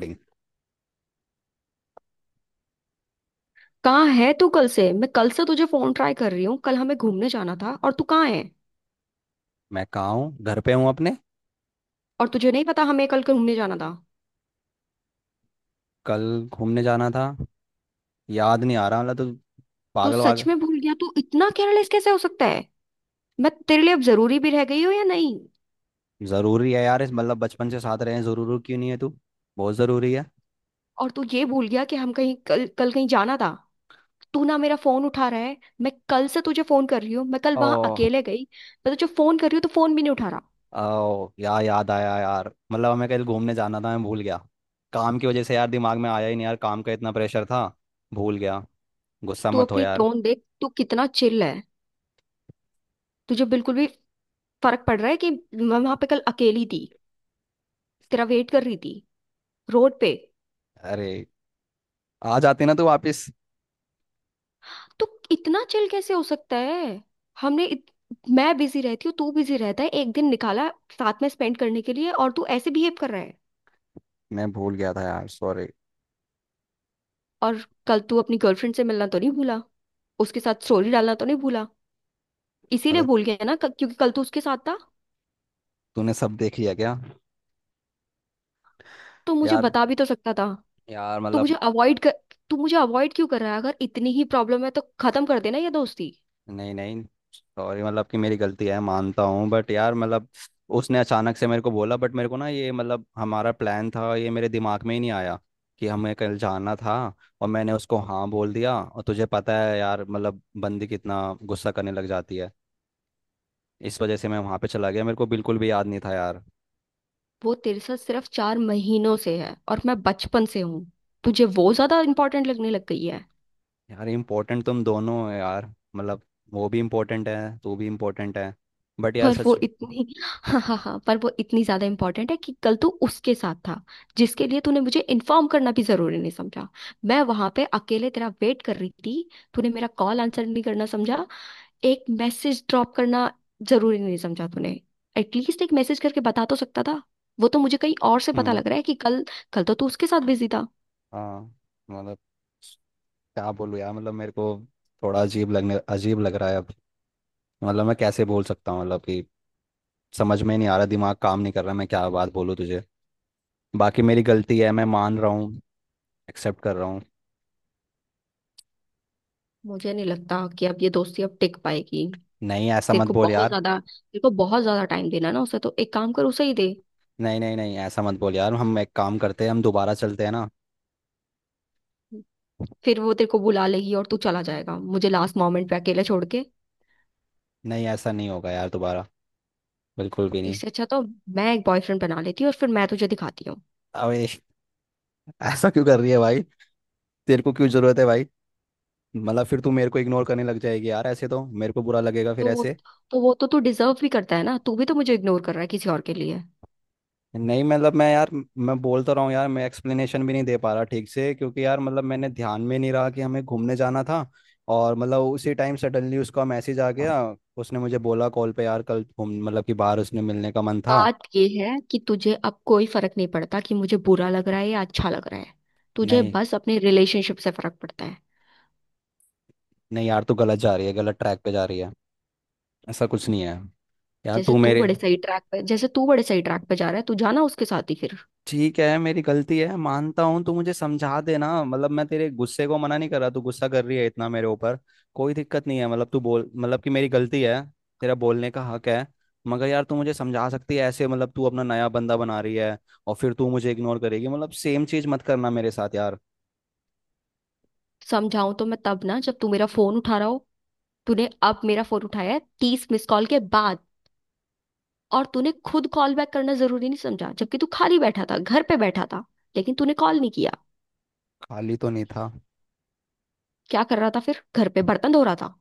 Recording. कहाँ है तू कल से? मैं कल से तुझे फोन ट्राई कर रही हूँ। कल हमें घूमने जाना था और तू कहाँ है? मैं कहाँ हूँ? घर पे हूँ अपने। और तुझे नहीं पता हमें कल घूमने जाना था? कल घूमने जाना था। याद नहीं आ रहा मतलब तो। तू पागल सच वागल। में भूल गया? तू इतना केयरलेस कैसे हो सकता है? मैं तेरे लिए अब जरूरी भी रह गई हूँ या नहीं? जरूरी है यार, इस मतलब बचपन से साथ रहे हैं, जरूरी क्यों नहीं है तू? बहुत जरूरी है। और तू ये भूल गया कि हम कहीं कल कल कहीं जाना था। तू ना मेरा फोन उठा रहा है। मैं कल से तुझे फोन कर रही हूँ। मैं कल ओ। वहां अकेले गई। मैं तुझे फोन कर रही हूँ तो फोन भी नहीं उठा रहा। ओ यार, याद आया यार, मतलब हमें कल घूमने जाना था, मैं भूल गया। काम की वजह से यार, दिमाग में आया ही नहीं यार, काम का इतना प्रेशर था। भूल गया। गुस्सा तू मत हो अपनी यार। टोन देख, तू कितना चिल है। तुझे बिल्कुल भी फर्क पड़ रहा है कि मैं वहां पे कल अकेली थी, तेरा वेट कर रही थी रोड पे? अरे, आ जाते ना तू वापस। तो इतना चिल कैसे हो सकता है? हमने इत... मैं बिजी रहती हूँ, तू बिजी रहता है, एक दिन निकाला साथ में स्पेंड करने के लिए और तू ऐसे बिहेव कर रहा है। मैं भूल गया था यार, सॉरी। और कल तू अपनी गर्लफ्रेंड से मिलना तो नहीं भूला, उसके साथ स्टोरी डालना तो नहीं भूला। इसीलिए मतलब भूल गया ना, क्योंकि कल तू उसके साथ था। तूने सब देख लिया क्या? तो मुझे यार बता भी तो सकता था, यार तो मुझे मतलब। अवॉइड कर। तू मुझे अवॉइड क्यों कर रहा है? अगर इतनी ही प्रॉब्लम है तो खत्म कर देना ये दोस्ती। नहीं नहीं, सॉरी, मतलब कि मेरी गलती है मानता हूँ, बट यार मतलब, उसने अचानक से मेरे को बोला, बट मेरे को ना ये मतलब हमारा प्लान था, ये मेरे दिमाग में ही नहीं आया कि हमें कल जाना था। और मैंने उसको हाँ बोल दिया। और तुझे पता है यार, मतलब बंदी कितना गुस्सा करने लग जाती है। इस वजह से मैं वहाँ पे चला गया, मेरे को बिल्कुल भी याद नहीं था यार। वो तेरे साथ सिर्फ चार महीनों से है और मैं बचपन से हूँ। तुझे वो ज्यादा इंपॉर्टेंट लगने लग गई है। यार इम्पोर्टेंट तुम दोनों हो यार, मतलब वो भी इम्पोर्टेंट है, तू भी इम्पोर्टेंट है। बट यार पर वो सच। इतनी हाँ, हाँ, हाँ, पर वो इतनी ज्यादा इंपॉर्टेंट है कि कल तू उसके साथ था, जिसके लिए तूने मुझे इन्फॉर्म करना भी जरूरी नहीं समझा। मैं वहां पे अकेले तेरा वेट कर रही थी, तूने मेरा कॉल आंसर नहीं करना समझा, एक मैसेज ड्रॉप करना जरूरी नहीं समझा तूने। एटलीस्ट एक मैसेज करके बता तो सकता था। वो तो मुझे कहीं और से पता हम्म। लग रहा है कि कल, कल तो तू उसके साथ बिजी था। हाँ। मतलब क्या बोलूं यार, मतलब मेरे को थोड़ा अजीब लग रहा है अब। मतलब मैं कैसे बोल सकता हूँ, मतलब कि समझ में नहीं आ रहा, दिमाग काम नहीं कर रहा, मैं क्या बात बोलूँ तुझे। बाकी मेरी गलती है, मैं मान रहा हूँ, एक्सेप्ट कर रहा हूँ। मुझे नहीं लगता कि अब ये दोस्ती अब टिक पाएगी। नहीं, ऐसा तेरे मत को बोल बहुत यार। ज्यादा तेरे को बहुत ज्यादा टाइम देना ना उसे, तो एक काम कर, उसे ही दे। नहीं नहीं नहीं, ऐसा मत बोल यार, हम एक काम करते हैं, हम दोबारा चलते हैं ना। फिर वो तेरे को बुला लेगी और तू चला जाएगा मुझे लास्ट मोमेंट पे अकेले छोड़ के। नहीं, ऐसा नहीं होगा यार दोबारा, बिल्कुल भी नहीं। इससे अच्छा तो मैं एक बॉयफ्रेंड बना लेती हूँ और फिर मैं तुझे दिखाती हूँ। अबे, ऐसा क्यों कर रही है भाई? तेरे को क्यों जरूरत है भाई? मतलब फिर तू मेरे को इग्नोर करने लग जाएगी यार, ऐसे तो मेरे को बुरा लगेगा फिर तो वो ऐसे। तो वो तो तू डिजर्व भी करता है ना। तू भी तो मुझे इग्नोर कर रहा है किसी और के लिए। नहीं, मतलब मैं यार, मैं बोल तो रहा हूँ यार, मैं एक्सप्लेनेशन भी नहीं दे पा रहा ठीक से, क्योंकि यार मतलब मैंने ध्यान में नहीं रहा कि हमें घूमने जाना था। और मतलब उसी टाइम सडनली उसका मैसेज आ गया। उसने मुझे बोला कॉल पे यार, कल घूम मतलब कि बाहर उसने मिलने का मन था। बात ये है कि तुझे अब कोई फर्क नहीं पड़ता कि मुझे बुरा लग रहा है या अच्छा लग रहा है। तुझे नहीं बस अपने रिलेशनशिप से फर्क पड़ता है। नहीं यार, तू गलत जा रही है, गलत ट्रैक पे जा रही है। ऐसा कुछ नहीं है। यार जैसे तू तू मेरे। बड़े सही ट्रैक पे जैसे तू बड़े सही ट्रैक पे जा रहा है। तू जाना उसके साथ ही फिर। ठीक है, मेरी गलती है मानता हूँ, तू मुझे समझा देना, मतलब मैं तेरे गुस्से को मना नहीं कर रहा, तू गुस्सा कर रही है इतना मेरे ऊपर, कोई दिक्कत नहीं है, मतलब तू बोल मतलब कि मेरी गलती है, तेरा बोलने का हक है। मगर यार तू मुझे समझा सकती है ऐसे, मतलब तू अपना नया बंदा बना रही है, और फिर तू मुझे इग्नोर करेगी, मतलब सेम चीज मत करना मेरे साथ यार। समझाऊं तो मैं तब ना जब तू मेरा फोन उठा रहा हो। तूने अब मेरा फोन उठाया है तीस मिस कॉल के बाद। और तूने खुद कॉल बैक करना जरूरी नहीं समझा, जबकि तू खाली बैठा था, घर पे बैठा था, लेकिन तूने कॉल नहीं किया। खाली तो नहीं था। क्या कर रहा था फिर, घर पे बर्तन धो रहा था?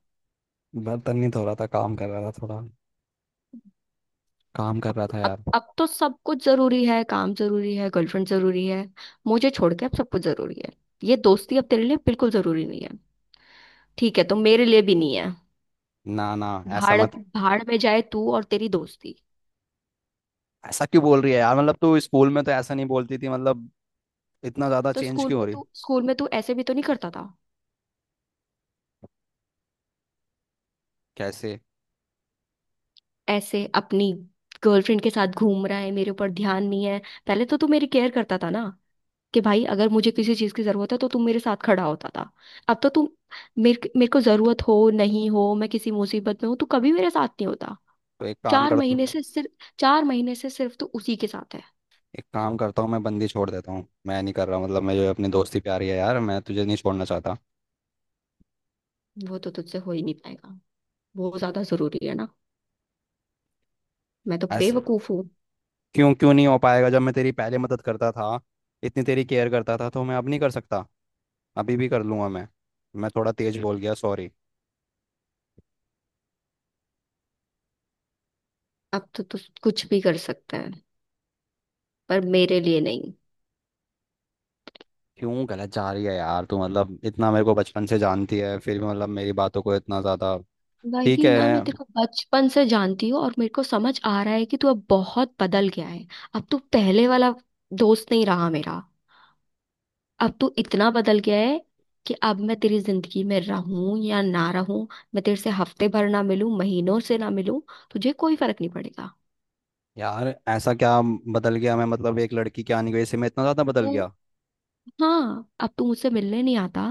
बर्तन नहीं धो रहा था, काम कर रहा था थोड़ा, काम कर अब रहा था अब यार। अब तो सब कुछ जरूरी है। काम जरूरी है, गर्लफ्रेंड जरूरी है, मुझे छोड़ के अब सब कुछ जरूरी है। ये दोस्ती अब तेरे लिए बिल्कुल जरूरी नहीं है। ठीक है, तो मेरे लिए भी नहीं है। ना ना, ऐसा भाड़ मत भाड़ में जाए तू और तेरी दोस्ती। ऐसा क्यों बोल रही है यार? मतलब तू स्कूल में तो ऐसा नहीं बोलती थी, मतलब इतना ज्यादा तो चेंज स्कूल क्यों हो में रही? तू स्कूल में तू ऐसे भी तो नहीं करता था। कैसे? ऐसे अपनी गर्लफ्रेंड के साथ घूम रहा है, मेरे ऊपर ध्यान नहीं है। पहले तो तू मेरी केयर करता था ना, कि भाई अगर मुझे किसी चीज की जरूरत है तो तुम मेरे साथ खड़ा होता था। अब तो तुम, मेरे मेरे को जरूरत हो नहीं हो, मैं किसी मुसीबत में हूं, तू कभी मेरे साथ नहीं होता। तो एक काम चार करता महीने से सिर्फ चार महीने से सिर्फ तू उसी के साथ है। एक काम करता हूँ, मैं बंदी छोड़ देता हूँ, मैं नहीं कर रहा मतलब, मैं जो अपनी दोस्ती प्यारी है यार, मैं तुझे नहीं छोड़ना चाहता। वो तो तुझसे हो ही नहीं पाएगा, वो ज्यादा जरूरी है ना, मैं तो ऐस बेवकूफ हूँ। क्यों क्यों नहीं हो पाएगा? जब मैं तेरी पहले मदद करता था, इतनी तेरी केयर करता था, तो मैं अब नहीं कर सकता? अभी भी कर लूंगा मैं। मैं थोड़ा तेज बोल गया, सॉरी। अब तो तू कुछ भी कर सकता है, पर मेरे लिए नहीं। क्यों गलत जा रही है यार तू? मतलब इतना मेरे को बचपन से जानती है फिर भी, मतलब मेरी बातों को इतना ज़्यादा। ठीक वही है। ना, मैं तेरे को बचपन से जानती हूँ और मेरे को समझ आ रहा है कि तू अब बहुत बदल गया है। अब तू पहले वाला दोस्त नहीं रहा मेरा। अब तू इतना बदल गया है कि अब मैं तेरी जिंदगी में रहूं या ना रहूं, मैं तेरे से हफ्ते भर ना मिलूं, महीनों से ना मिलूं, तुझे कोई फर्क नहीं पड़ेगा। यार ऐसा क्या बदल गया मैं? मतलब एक लड़की क्या नहीं गई इससे मैं इतना ज़्यादा बदल तू, गया? हाँ, अब तू मुझसे मिलने नहीं आता।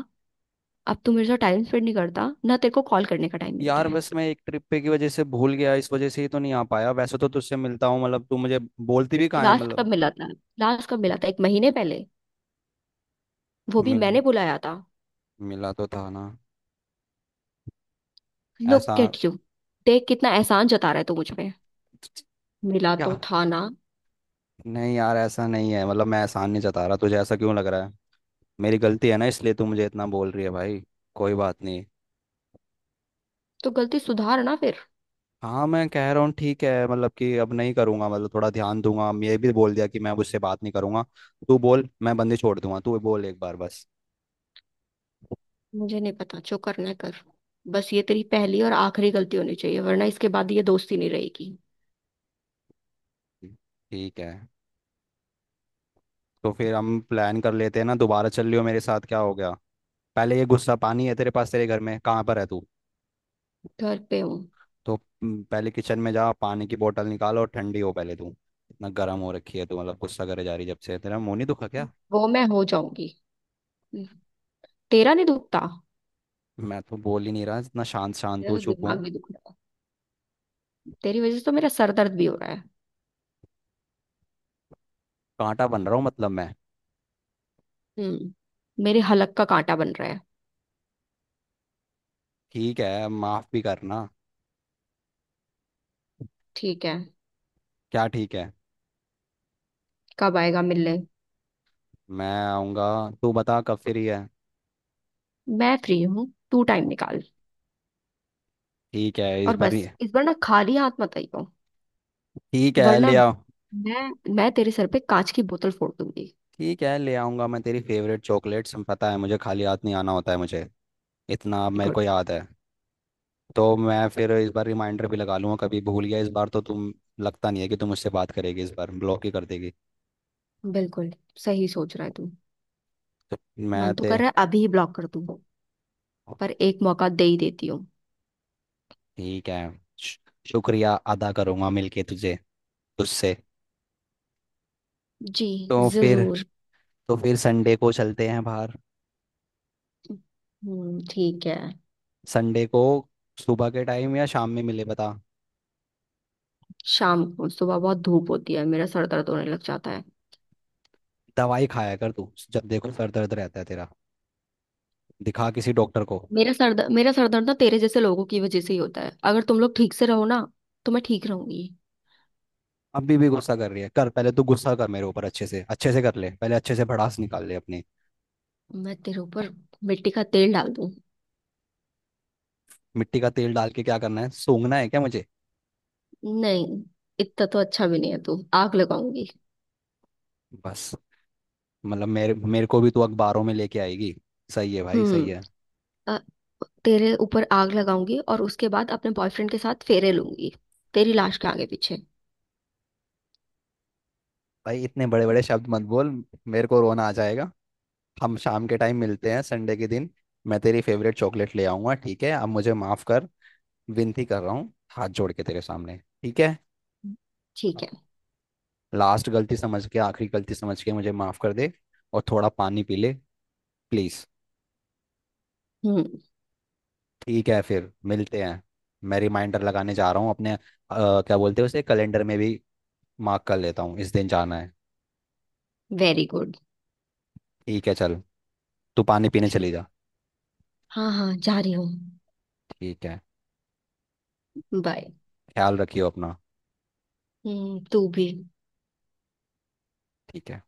अब तू मेरे साथ टाइम स्पेंड नहीं करता, ना तेरे को कॉल करने का टाइम मिलता यार है। बस मैं एक ट्रिप पे की वजह से भूल गया, इस वजह से ही तो नहीं आ पाया, वैसे तो तुझसे मिलता हूँ मतलब, तू मुझे बोलती भी कहाँ है लास्ट कब मतलब? मिला था? लास्ट कब मिला था, एक महीने पहले? वो भी मिल मैंने बुलाया था। मिला तो था ना। ऐसा लुक एट यू। देख कितना एहसान जता रहा है तू मुझ पे, मिला क्या? तो था ना। नहीं यार, ऐसा नहीं है, मतलब मैं एहसान नहीं जता रहा तुझे, ऐसा क्यों लग रहा है? मेरी गलती है ना इसलिए तू मुझे इतना बोल रही है भाई, कोई बात नहीं। तो गलती सुधार ना फिर। हाँ, मैं कह रहा हूँ ठीक है, मतलब कि अब नहीं करूँगा, मतलब थोड़ा ध्यान दूंगा, ये भी बोल दिया कि मैं अब उससे बात नहीं करूँगा। तू बोल मैं बंदी छोड़ दूंगा, तू बोल एक बार बस। मुझे नहीं पता, जो करना है कर। बस ये तेरी पहली और आखिरी गलती होनी चाहिए, वरना इसके बाद ये दोस्ती नहीं रहेगी। ठीक है, तो फिर हम प्लान कर लेते हैं ना, दोबारा चल लियो मेरे साथ, क्या हो गया? पहले ये गुस्सा पानी है तेरे पास? तेरे घर में कहाँ पर है तू? घर पे हूँ। तो पहले किचन में जा, पानी की बोतल निकाल, और ठंडी हो पहले तू। इतना गर्म हो रखी है तू, मतलब गुस्सा करे जा रही जब से, तेरा मुंह नहीं दुखा क्या? वो मैं हो जाऊंगी। हम्म। तेरा नहीं दुखता? मैं तो बोल ही नहीं रहा, इतना शांत शांत मेरा हूँ, तो चुप हूँ। दिमाग नहीं दुख रहा है। तेरी वजह से तो मेरा सर दर्द भी हो रहा है। कांटा बन रहा हूँ मतलब मैं। हम्म, मेरे हलक का कांटा बन रहा है। ठीक है, माफ भी करना। ठीक है। क्या ठीक है? कब आएगा मिलने? मैं आऊँगा। तू बता कब फ्री है। मैं फ्री हूँ, तू टाइम निकाल। ठीक है, और बस इस बार ना खाली हाथ मत आइयो, ठीक है, वरना ले आओ। मैं मैं तेरे सर पे कांच की बोतल फोड़ दूंगी। ठीक है, ले आऊँगा मैं तेरी फेवरेट चॉकलेट्स, पता है मुझे खाली हाथ नहीं आना होता है मुझे, इतना मेरे को गुड। याद है। तो मैं फिर इस बार रिमाइंडर भी लगा लूंगा, कभी भूल गया इस बार तो तुम, लगता नहीं है कि तुम मुझसे बात करेगी, इस बार ब्लॉक ही कर देगी। बिल्कुल, सही सोच रहा है तू। तो मैं मन तो ते कर रहा है अभी ही ब्लॉक कर दूं, पर एक मौका दे ही देती हूँ। ठीक है। शु- शुक्रिया अदा करूंगा मिलके तुझे, तुझसे। जी, तो फिर जरूर। तो फिर संडे को चलते हैं बाहर। हम्म, ठीक है। संडे को सुबह के टाइम या शाम में मिले बता। शाम को, सुबह बहुत धूप होती है, मेरा सर दर्द होने लग जाता है। दवाई खाया कर तू, जब देखो सर दर्द रहता है तेरा, दिखा किसी डॉक्टर को। मेरा सर दर्द ना तेरे जैसे लोगों की वजह से ही होता है। अगर तुम लोग ठीक से रहो ना तो मैं ठीक रहूंगी। अभी भी गुस्सा कर रही है? कर, पहले तू गुस्सा कर मेरे ऊपर अच्छे से, अच्छे से कर ले पहले, अच्छे से भड़ास निकाल ले अपनी। मैं तेरे ऊपर मिट्टी का तेल डाल दूं? मिट्टी का तेल डाल के क्या करना है? सूंघना है क्या मुझे? नहीं, इतना तो अच्छा भी नहीं है तू, आग लगाऊंगी। बस, मतलब मेरे मेरे को भी तू अखबारों में लेके आएगी? सही है भाई, हम्म सही है। अ, तेरे ऊपर आग लगाऊंगी और उसके बाद अपने बॉयफ्रेंड के साथ फेरे लूंगी तेरी लाश के आगे पीछे। भाई इतने बड़े बड़े शब्द मत बोल, मेरे को रोना आ जाएगा। हम शाम के टाइम मिलते हैं संडे के दिन। मैं तेरी फेवरेट चॉकलेट ले आऊंगा, ठीक है, अब मुझे माफ कर। विनती कर रहा हूँ, हाथ जोड़ के तेरे सामने। ठीक है, ठीक है। लास्ट गलती समझ के, आखिरी गलती समझ के मुझे माफ कर दे। और थोड़ा पानी पी ले, प्लीज। हम्म। ठीक है, फिर मिलते हैं। मैं रिमाइंडर लगाने जा रहा हूँ अपने क्या बोलते हैं उसे, कैलेंडर में भी मार्क कर लेता हूँ इस दिन जाना है। Very good. ठीक है, चल, तू पानी पीने ठीक। चली जा। हाँ, हाँ, जा रही हूँ। ठीक है। बाय। ख्याल रखियो अपना। हम्म, तू भी। ठीक है।